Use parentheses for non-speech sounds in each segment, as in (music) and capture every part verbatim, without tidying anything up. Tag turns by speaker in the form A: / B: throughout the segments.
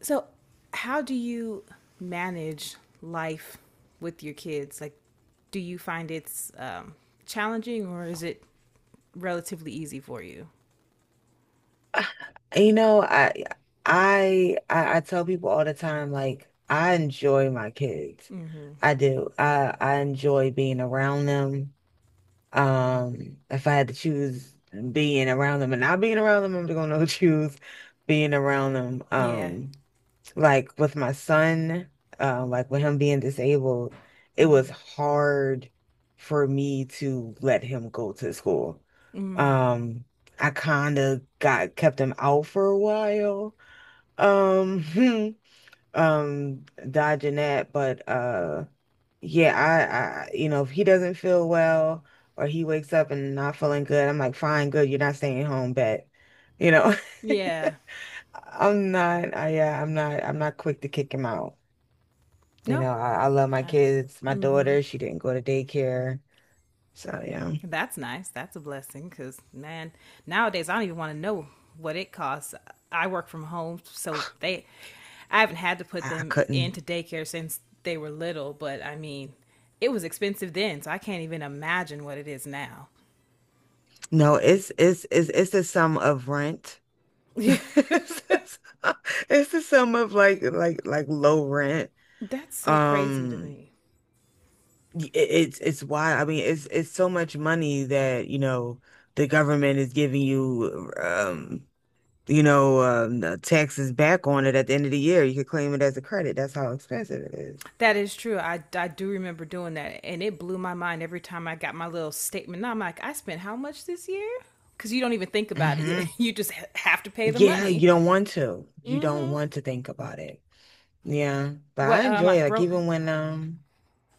A: So, how do you manage life with your kids? Like, do you find it's um, challenging or is it relatively easy for you?
B: And, You know, I I I I tell people all the time, like I enjoy my kids. I do. I I enjoy being around them. Um, if I had to choose being around them and not being around them, I'm gonna (laughs) choose being around them.
A: Yeah.
B: Um, like with my son, uh, like with him being disabled, it was
A: Mm-hmm.
B: hard for me to let him go to school.
A: Mm.
B: Um, I kind of got kept him out for a while. Um, (laughs) um, dodging that, but uh, yeah, I, I, you know, if he doesn't feel well or he wakes up and not feeling good, I'm like, fine, good, you're not staying home, bet. You know, (laughs)
A: Yeah.
B: I'm not, I, yeah, I'm not, I'm not quick to kick him out. You
A: No.
B: know, I, I love my
A: I under-
B: kids. My daughter, she didn't go to daycare. So yeah,
A: That's nice. That's a blessing because, man, nowadays I don't even want to know what it costs. I work from home, so they, I haven't had to put
B: I, I
A: them
B: couldn't.
A: into daycare since they were little, but I mean, it was expensive then, so I can't even imagine what it is now.
B: No, it's it's it's it's the sum of rent. (laughs)
A: (laughs)
B: It's the sum it's the sum of like like like low rent.
A: That's so crazy to
B: Um,
A: me.
B: it, it's it's wild. I mean, it's it's so much money that, you know, the government is giving you um You know, um, the taxes back on it at the end of the year. You could claim it as a credit. That's how expensive it is.
A: That is true. I, I do remember doing that, and it blew my mind every time I got my little statement. Now I'm like, I spent how much this year? Because you don't even think about it. (laughs)
B: Mhm.
A: You just ha- have to pay the
B: Yeah,
A: money.
B: you don't want to. You don't want to think about it. Yeah, but I
A: What um, I
B: enjoy it. Like
A: broke
B: even when um,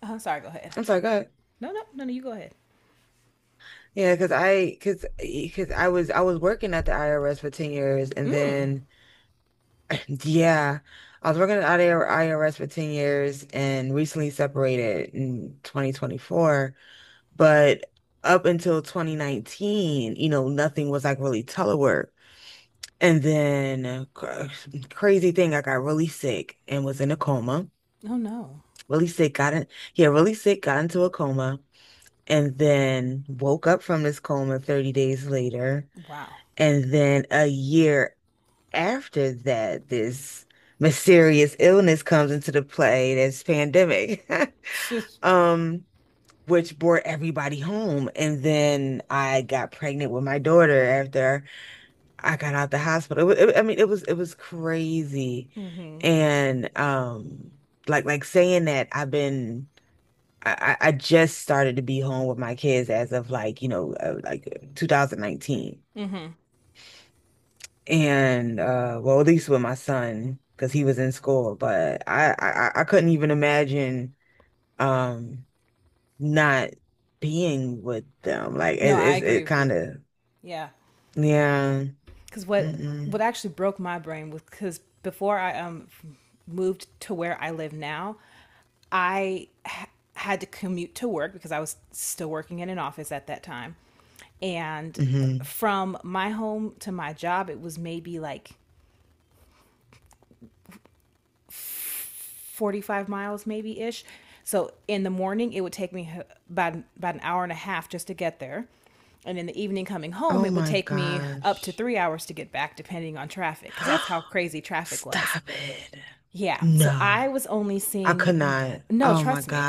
A: I'm sorry. Go ahead.
B: I'm sorry, go ahead.
A: No, no, no, no. You go ahead.
B: Yeah, because I, because, because I was, I was working at the I R S for ten years and then, yeah, I was working at the I R S for ten years and recently separated in twenty twenty-four. But up until twenty nineteen, you know, nothing was like really telework. And then, uh, cr- crazy thing, I got really sick and was in a coma.
A: Oh no.
B: really sick, got in, yeah, really sick, got into a coma, and then woke up from this coma thirty days later.
A: Wow.
B: And then a year after that, this mysterious illness comes into the play, this pandemic,
A: (laughs) Just
B: (laughs) um, which brought everybody home. And then I got pregnant with my daughter after I got out the hospital. It, wa- it, I mean, it was it was crazy. And um like like saying that I've been I, I just started to be home with my kids as of like, you know, uh, like two thousand nineteen. And uh well, at least with my son because he was in school, but I, I I couldn't even imagine um not being with them. Like
A: no,
B: it
A: I
B: it,
A: agree
B: it
A: with
B: kind
A: you.
B: of
A: Yeah,
B: yeah.
A: because what
B: Mm-mm.
A: what actually broke my brain was because before I um moved to where I live now, I ha- had to commute to work because I was still working in an office at that time, and
B: Hmm.
A: from my home to my job, it was maybe like forty-five miles maybe ish. So in the morning, it would take me about, about an hour and a half just to get there. And in the evening, coming home,
B: Oh
A: it would
B: my
A: take me up to
B: gosh.
A: three hours to get back, depending on traffic, because that's how
B: (gasps)
A: crazy traffic was.
B: Stop it.
A: Yeah. So
B: No.
A: I was only
B: I could
A: seeing,
B: not.
A: no,
B: Oh my
A: trust me,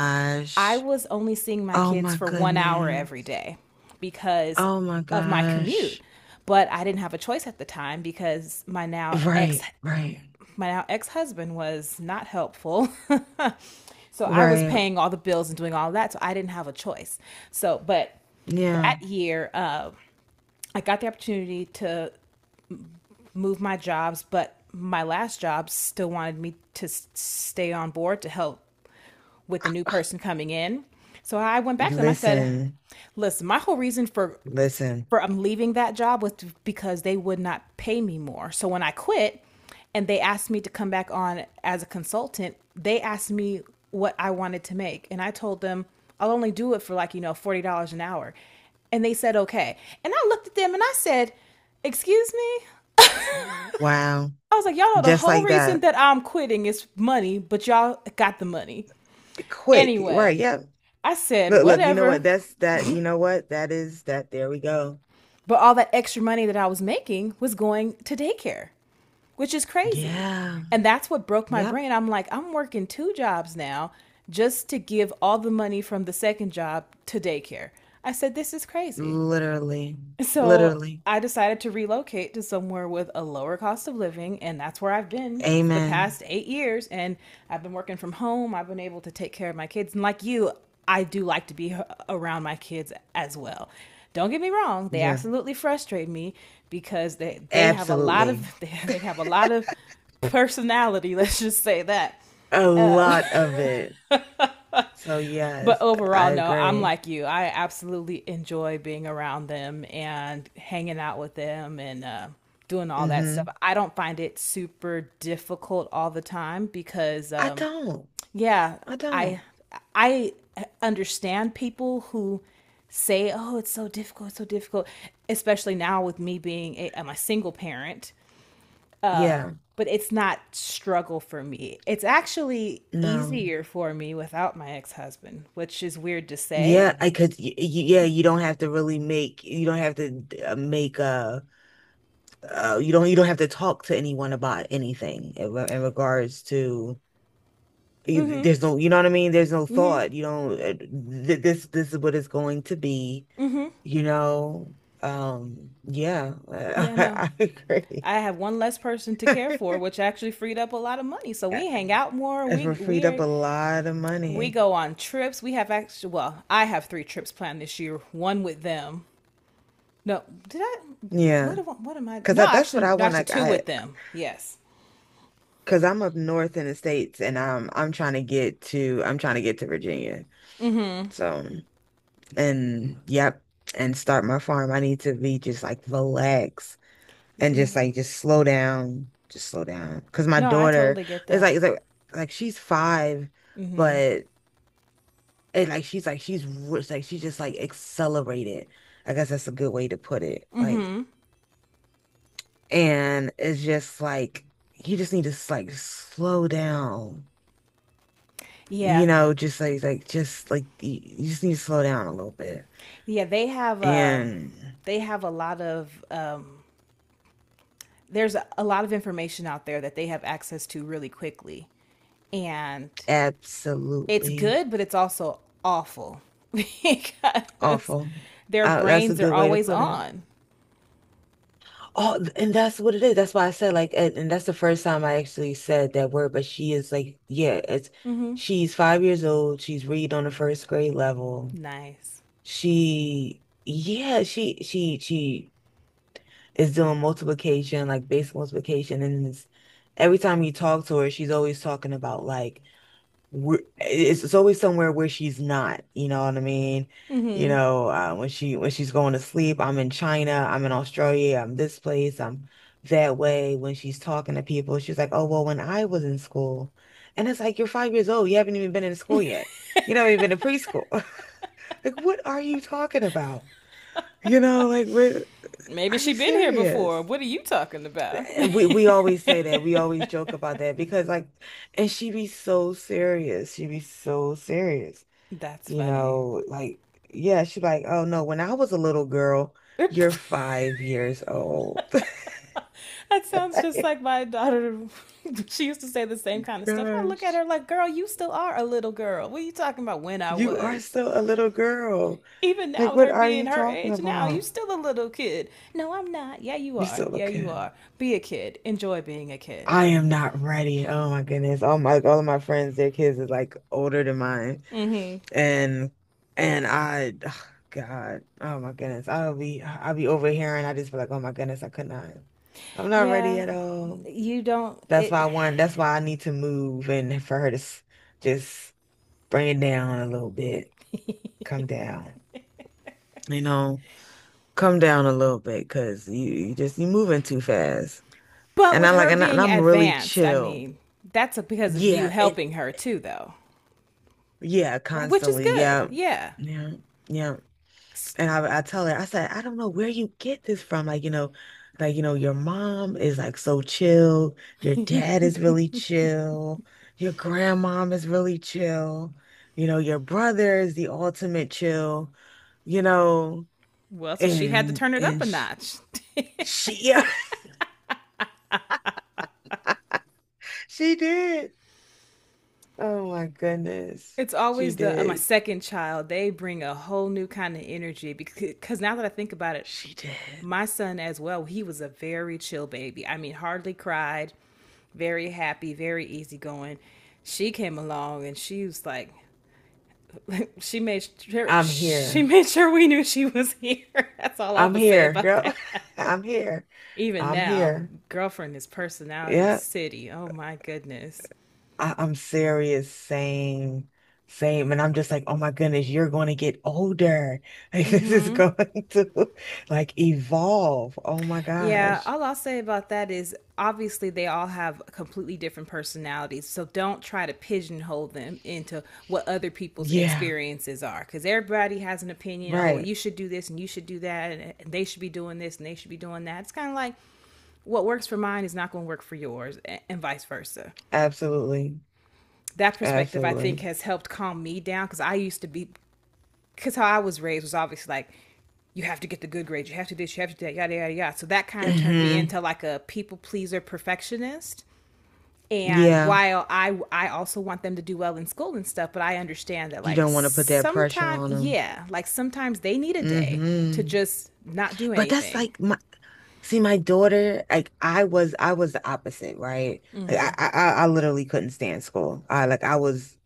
A: I was only seeing my
B: Oh
A: kids
B: my
A: for one hour every
B: goodness.
A: day because
B: Oh my
A: of my commute.
B: gosh.
A: But I didn't have a choice at the time because my now ex
B: Right, right,
A: my now ex-husband was not helpful. (laughs) So I was
B: right.
A: paying all the bills and doing all of that. So I didn't have a choice. So, but
B: Yeah.
A: that year, uh, I got the opportunity to move my jobs, but my last job still wanted me to stay on board to help with the new person coming in. So I went back to them. I said,
B: Listen,
A: "Listen, my whole reason for
B: listen.
A: for I'm leaving that job was to- because they would not pay me more. So when I quit and they asked me to come back on as a consultant, they asked me what I wanted to make and I told them I'll only do it for like, you know, forty dollars an hour." And they said, "Okay." And I looked at them and I said, "Excuse me?"
B: Wow.
A: I was like, "Y'all know the
B: Just
A: whole
B: like
A: reason
B: that.
A: that I'm quitting is money, but y'all got the money."
B: Quick. Right.
A: Anyway,
B: Yeah.
A: I said,
B: Look, look, you know
A: whatever.
B: what? That's that. You know what? That is that. There we go.
A: But all that extra money that I was making was going to daycare, which is crazy.
B: Yeah.
A: And that's what broke my
B: Yep.
A: brain. I'm like, I'm working two jobs now just to give all the money from the second job to daycare. I said, this is crazy.
B: Literally.
A: So
B: Literally.
A: I decided to relocate to somewhere with a lower cost of living, and that's where I've been for the
B: Amen.
A: past eight years. And I've been working from home. I've been able to take care of my kids, and like you, I do like to be around my kids as well. Don't get me wrong; they
B: Yeah.
A: absolutely frustrate me because they they have a lot of
B: Absolutely.
A: (laughs) they have a lot of personality. (laughs) Let's just say that.
B: A lot of it. So
A: But
B: yes, I
A: overall, no, I'm
B: agree.
A: like you. I absolutely enjoy being around them and hanging out with them and uh, doing all that stuff.
B: Mm-hmm.
A: I don't find it super difficult all the time because,
B: I
A: um,
B: don't.
A: yeah,
B: I
A: I
B: don't.
A: I understand people who say, "Oh, it's so difficult, it's so difficult," especially now with me being a, I'm a single parent,
B: Yeah.
A: but it's not struggle for me. It's actually
B: No.
A: easier for me without my ex-husband, which is weird to say.
B: Yeah, I could. y- y- Yeah, you don't have to really make. You don't have to uh, make a. Uh, you don't. You don't have to talk to anyone about anything in, re- in regards to. y- There's no. You know what I mean? There's no thought. You don't. uh, th- This. This is what it's going to be. You know. Um. Yeah. (laughs)
A: Yeah, no.
B: I, agree.
A: I have one less person to care for, which
B: (laughs)
A: actually freed up a lot of money. So we hang out more.
B: We're
A: We
B: freed
A: we
B: up
A: are,
B: a lot of
A: we
B: money.
A: go on trips. We have actually, well, I have three trips planned this year. One with them. No, did I?
B: Yeah,
A: What am I- what am I?
B: because
A: No,
B: that, that's what
A: actually,
B: I
A: no,
B: want.
A: actually
B: Like
A: two
B: I.
A: with them. Yes.
B: Cause I'm up north in the States and I'm I'm trying to get to I'm trying to get to Virginia. So and yep, and start my farm. I need to be just like relax and just like just slow down. Just slow down. Cause my
A: No, I
B: daughter
A: totally get
B: is
A: that.
B: like it's like like she's five, but and like she's like she's r- it's like she's just like accelerated. I guess that's a good way to put it. Like and it's just like you just need to like slow down. you
A: Yeah.
B: know, just like like just like you, you just need to slow down a little bit.
A: Yeah, they have a
B: And
A: they have a lot of um, there's a, a lot of information out there that they have access to really quickly, and it's
B: absolutely
A: good, but it's also awful (laughs) because
B: awful.
A: their
B: Uh, that's a
A: brains are
B: good way to
A: always
B: put it.
A: on.
B: Oh, and that's what it is. That's why I said like, and, and that's the first time I actually said that word. But she is like, yeah, it's she's five years old. She's read on the first grade level.
A: Nice.
B: She, yeah, she she she is doing multiplication, like basic multiplication, and it's, every time you talk to her, she's always talking about like. where- it's, it's always somewhere where she's not, you know what I mean? You know, uh, when she when she's going to sleep, I'm in China, I'm in Australia, I'm this place, I'm that way. When she's talking to people, she's like, "Oh, well, when I was in school," and it's like you're five years old, you haven't even been in school yet. You know, you've been in preschool. (laughs) Like, what are you talking about? You know, like, what,
A: Maybe
B: are
A: she
B: you
A: been here before.
B: serious?
A: What are you talking about?
B: And We we always say that. We always joke about that because like, and she be so serious. She be so serious
A: (laughs) That's
B: you
A: funny.
B: know, like, yeah, she's like, oh no, when I was a little girl,
A: (laughs) That
B: you're five years old. (laughs)
A: sounds just
B: Like,
A: like my daughter. (laughs) She used to say the same kind of stuff. I look at her
B: Gosh,
A: like, girl, you still are a little girl. What are you talking about when I
B: you are
A: was?
B: still a little girl.
A: Even now,
B: Like,
A: with
B: what
A: her
B: are
A: being
B: you
A: her
B: talking
A: age now, you
B: about?
A: still a little kid. No, I'm not. Yeah, you
B: You
A: are.
B: still
A: Yeah, you
B: looking.
A: are. Be a kid. Enjoy being a kid.
B: I am not ready. Oh my goodness. All my all of my friends, their kids is like older than mine.
A: Mm-hmm.
B: And and I ugh, God, oh my goodness. I'll be I'll be over here and I just feel like, oh my goodness, I could not. I'm not ready
A: Yeah,
B: at all.
A: you don't.
B: That's
A: It.
B: why I want, that's why I need to move and for her to s- just bring it down a little bit, come down, you know, come down a little bit because you, you just, you moving too fast.
A: But
B: And
A: with
B: I like,
A: her
B: and, I, and
A: being
B: I'm really
A: advanced, I
B: chill.
A: mean, that's because of you
B: Yeah. It,
A: helping her too, though.
B: yeah,
A: Right, which is
B: constantly.
A: good.
B: Yeah.
A: Yeah.
B: Yeah. Yeah. And I, I tell her, I said, I don't know where you get this from. Like, you know, like, you know, your mom is like so chill. Your dad is really chill. Your grandmom is really chill. You know, your brother is the ultimate chill, you know,
A: Well, so she had to
B: and,
A: turn it up
B: and
A: a
B: she,
A: notch. (laughs)
B: she, (laughs) yeah, she did. Oh my goodness.
A: It's
B: She
A: always the uh, my
B: did.
A: second child. They bring a whole new kind of energy because because now that I think about it,
B: She did.
A: my son as well, he was a very chill baby. I mean, hardly cried, very happy, very easygoing. She came along and she was like, (laughs) she made sure
B: I'm
A: she
B: here.
A: made sure we knew she was (laughs) here. That's all I
B: I'm
A: would say
B: here,
A: about
B: girl.
A: that.
B: (laughs) I'm here.
A: Even
B: I'm
A: now,
B: here.
A: girlfriend is personality
B: Yeah.
A: city. Oh my goodness.
B: I, I'm serious, same, same. And I'm just like, oh my goodness, you're going to get older. (laughs) Like, this is going to like evolve. Oh my
A: Yeah,
B: gosh.
A: all I'll say about that is obviously they all have completely different personalities. So don't try to pigeonhole them into what other people's
B: Yeah,
A: experiences are because everybody has an opinion. Oh, well,
B: right.
A: you should do this and you should do that, and they should be doing this and they should be doing that. It's kind of like what works for mine is not going to work for yours, and vice versa.
B: Absolutely.
A: That perspective, I think,
B: Absolutely.
A: has helped calm me down because I used to be because how I was raised was obviously like, you have to get the good grades, you have to do this, you have to do that, yada, yada, yada. So that kind of turned me
B: Hmm.
A: into like a people pleaser perfectionist. And
B: Yeah.
A: while I, I also want them to do well in school and stuff, but I understand that
B: You
A: like
B: don't want to put that pressure
A: sometimes,
B: on them.
A: yeah, like sometimes they need a day to
B: Hmm.
A: just not do
B: But that's
A: anything.
B: like my see my daughter, like I was I was the opposite, right? Like I I, I I literally couldn't stand school. I like I was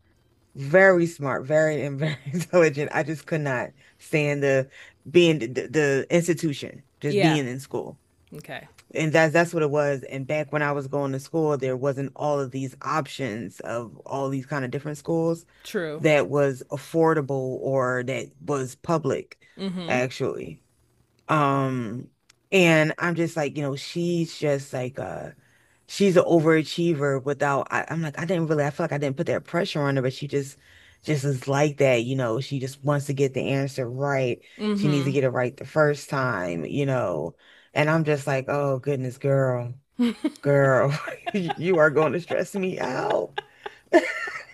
B: Very smart, very and very (laughs) intelligent. I just could not stand the being the, the institution, just
A: Yeah.
B: being in school.
A: Okay.
B: And that's that's what it was. And back when I was going to school, there wasn't all of these options of all these kind of different schools
A: True.
B: that was affordable or that was public, actually. Um, and I'm just like, you know, she's just like uh she's an overachiever without I, I'm like I didn't really I feel like I didn't put that pressure on her, but she just just is like that, you know she just wants to get the answer right. She needs to get it right the first time, you know and I'm just like, oh goodness, girl, girl, (laughs) you are going to stress me out.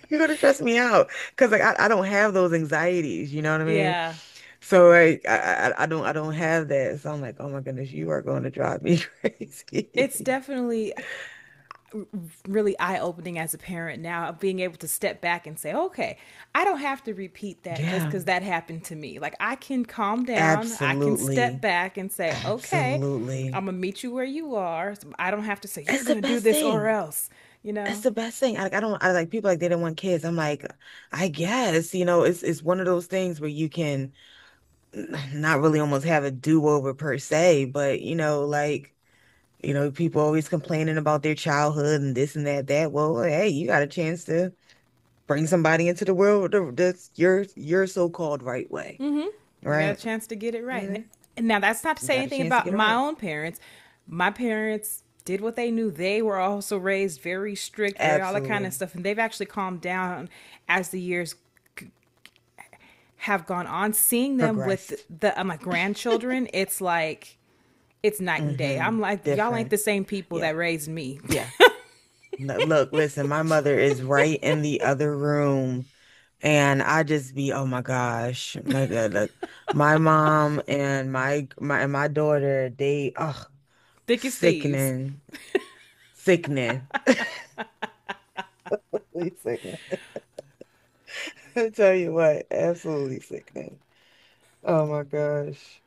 B: You're going to stress me out, because like I, I don't have those anxieties, you know what I mean?
A: Yeah.
B: So like I, I I don't I don't have that, so I'm like, oh my goodness, you are going to drive me (laughs) crazy.
A: It's
B: (laughs)
A: definitely really eye opening as a parent now of being able to step back and say, okay, I don't have to repeat that just
B: Yeah,
A: because that happened to me. Like I can calm down, I can step
B: absolutely.
A: back and say, okay,
B: Absolutely.
A: I'm gonna meet you where you are. So I don't have to say, you're
B: That's the
A: gonna do
B: best
A: this or
B: thing.
A: else. You
B: That's
A: know,
B: the best thing. I, I don't I like people like they didn't want kids. I'm like, I guess, you know, it's it's one of those things where you can not really almost have a do-over per se, but you know, like, you know, people always complaining about their childhood and this and that, that. Well, hey, you got a chance to bring somebody into the world the- that's your your so-called right way,
A: you got a
B: right?
A: chance to get it right.
B: Mhm.
A: And now that's not to
B: You
A: say
B: got a
A: anything
B: chance to
A: about
B: get it
A: my
B: right.
A: own parents. My parents did what they knew. They were also raised very strict, very all that kind of
B: Absolutely.
A: stuff, and they've actually calmed down as the years have gone on, seeing them with
B: Progressed.
A: the uh, my grandchildren, it's like it's night and day.
B: Hmm.
A: I'm like, y'all ain't
B: Different.
A: the same people that
B: Yeah.
A: raised me.
B: Yeah. No, look, listen, my mother is right in the other room. And I just be, oh my gosh, my God, look, my mom and my my my daughter, they, oh,
A: (laughs) Thick as thieves.
B: sickening, sickening, (laughs) absolutely sickening. (laughs) I tell you what, absolutely sickening. Oh my gosh.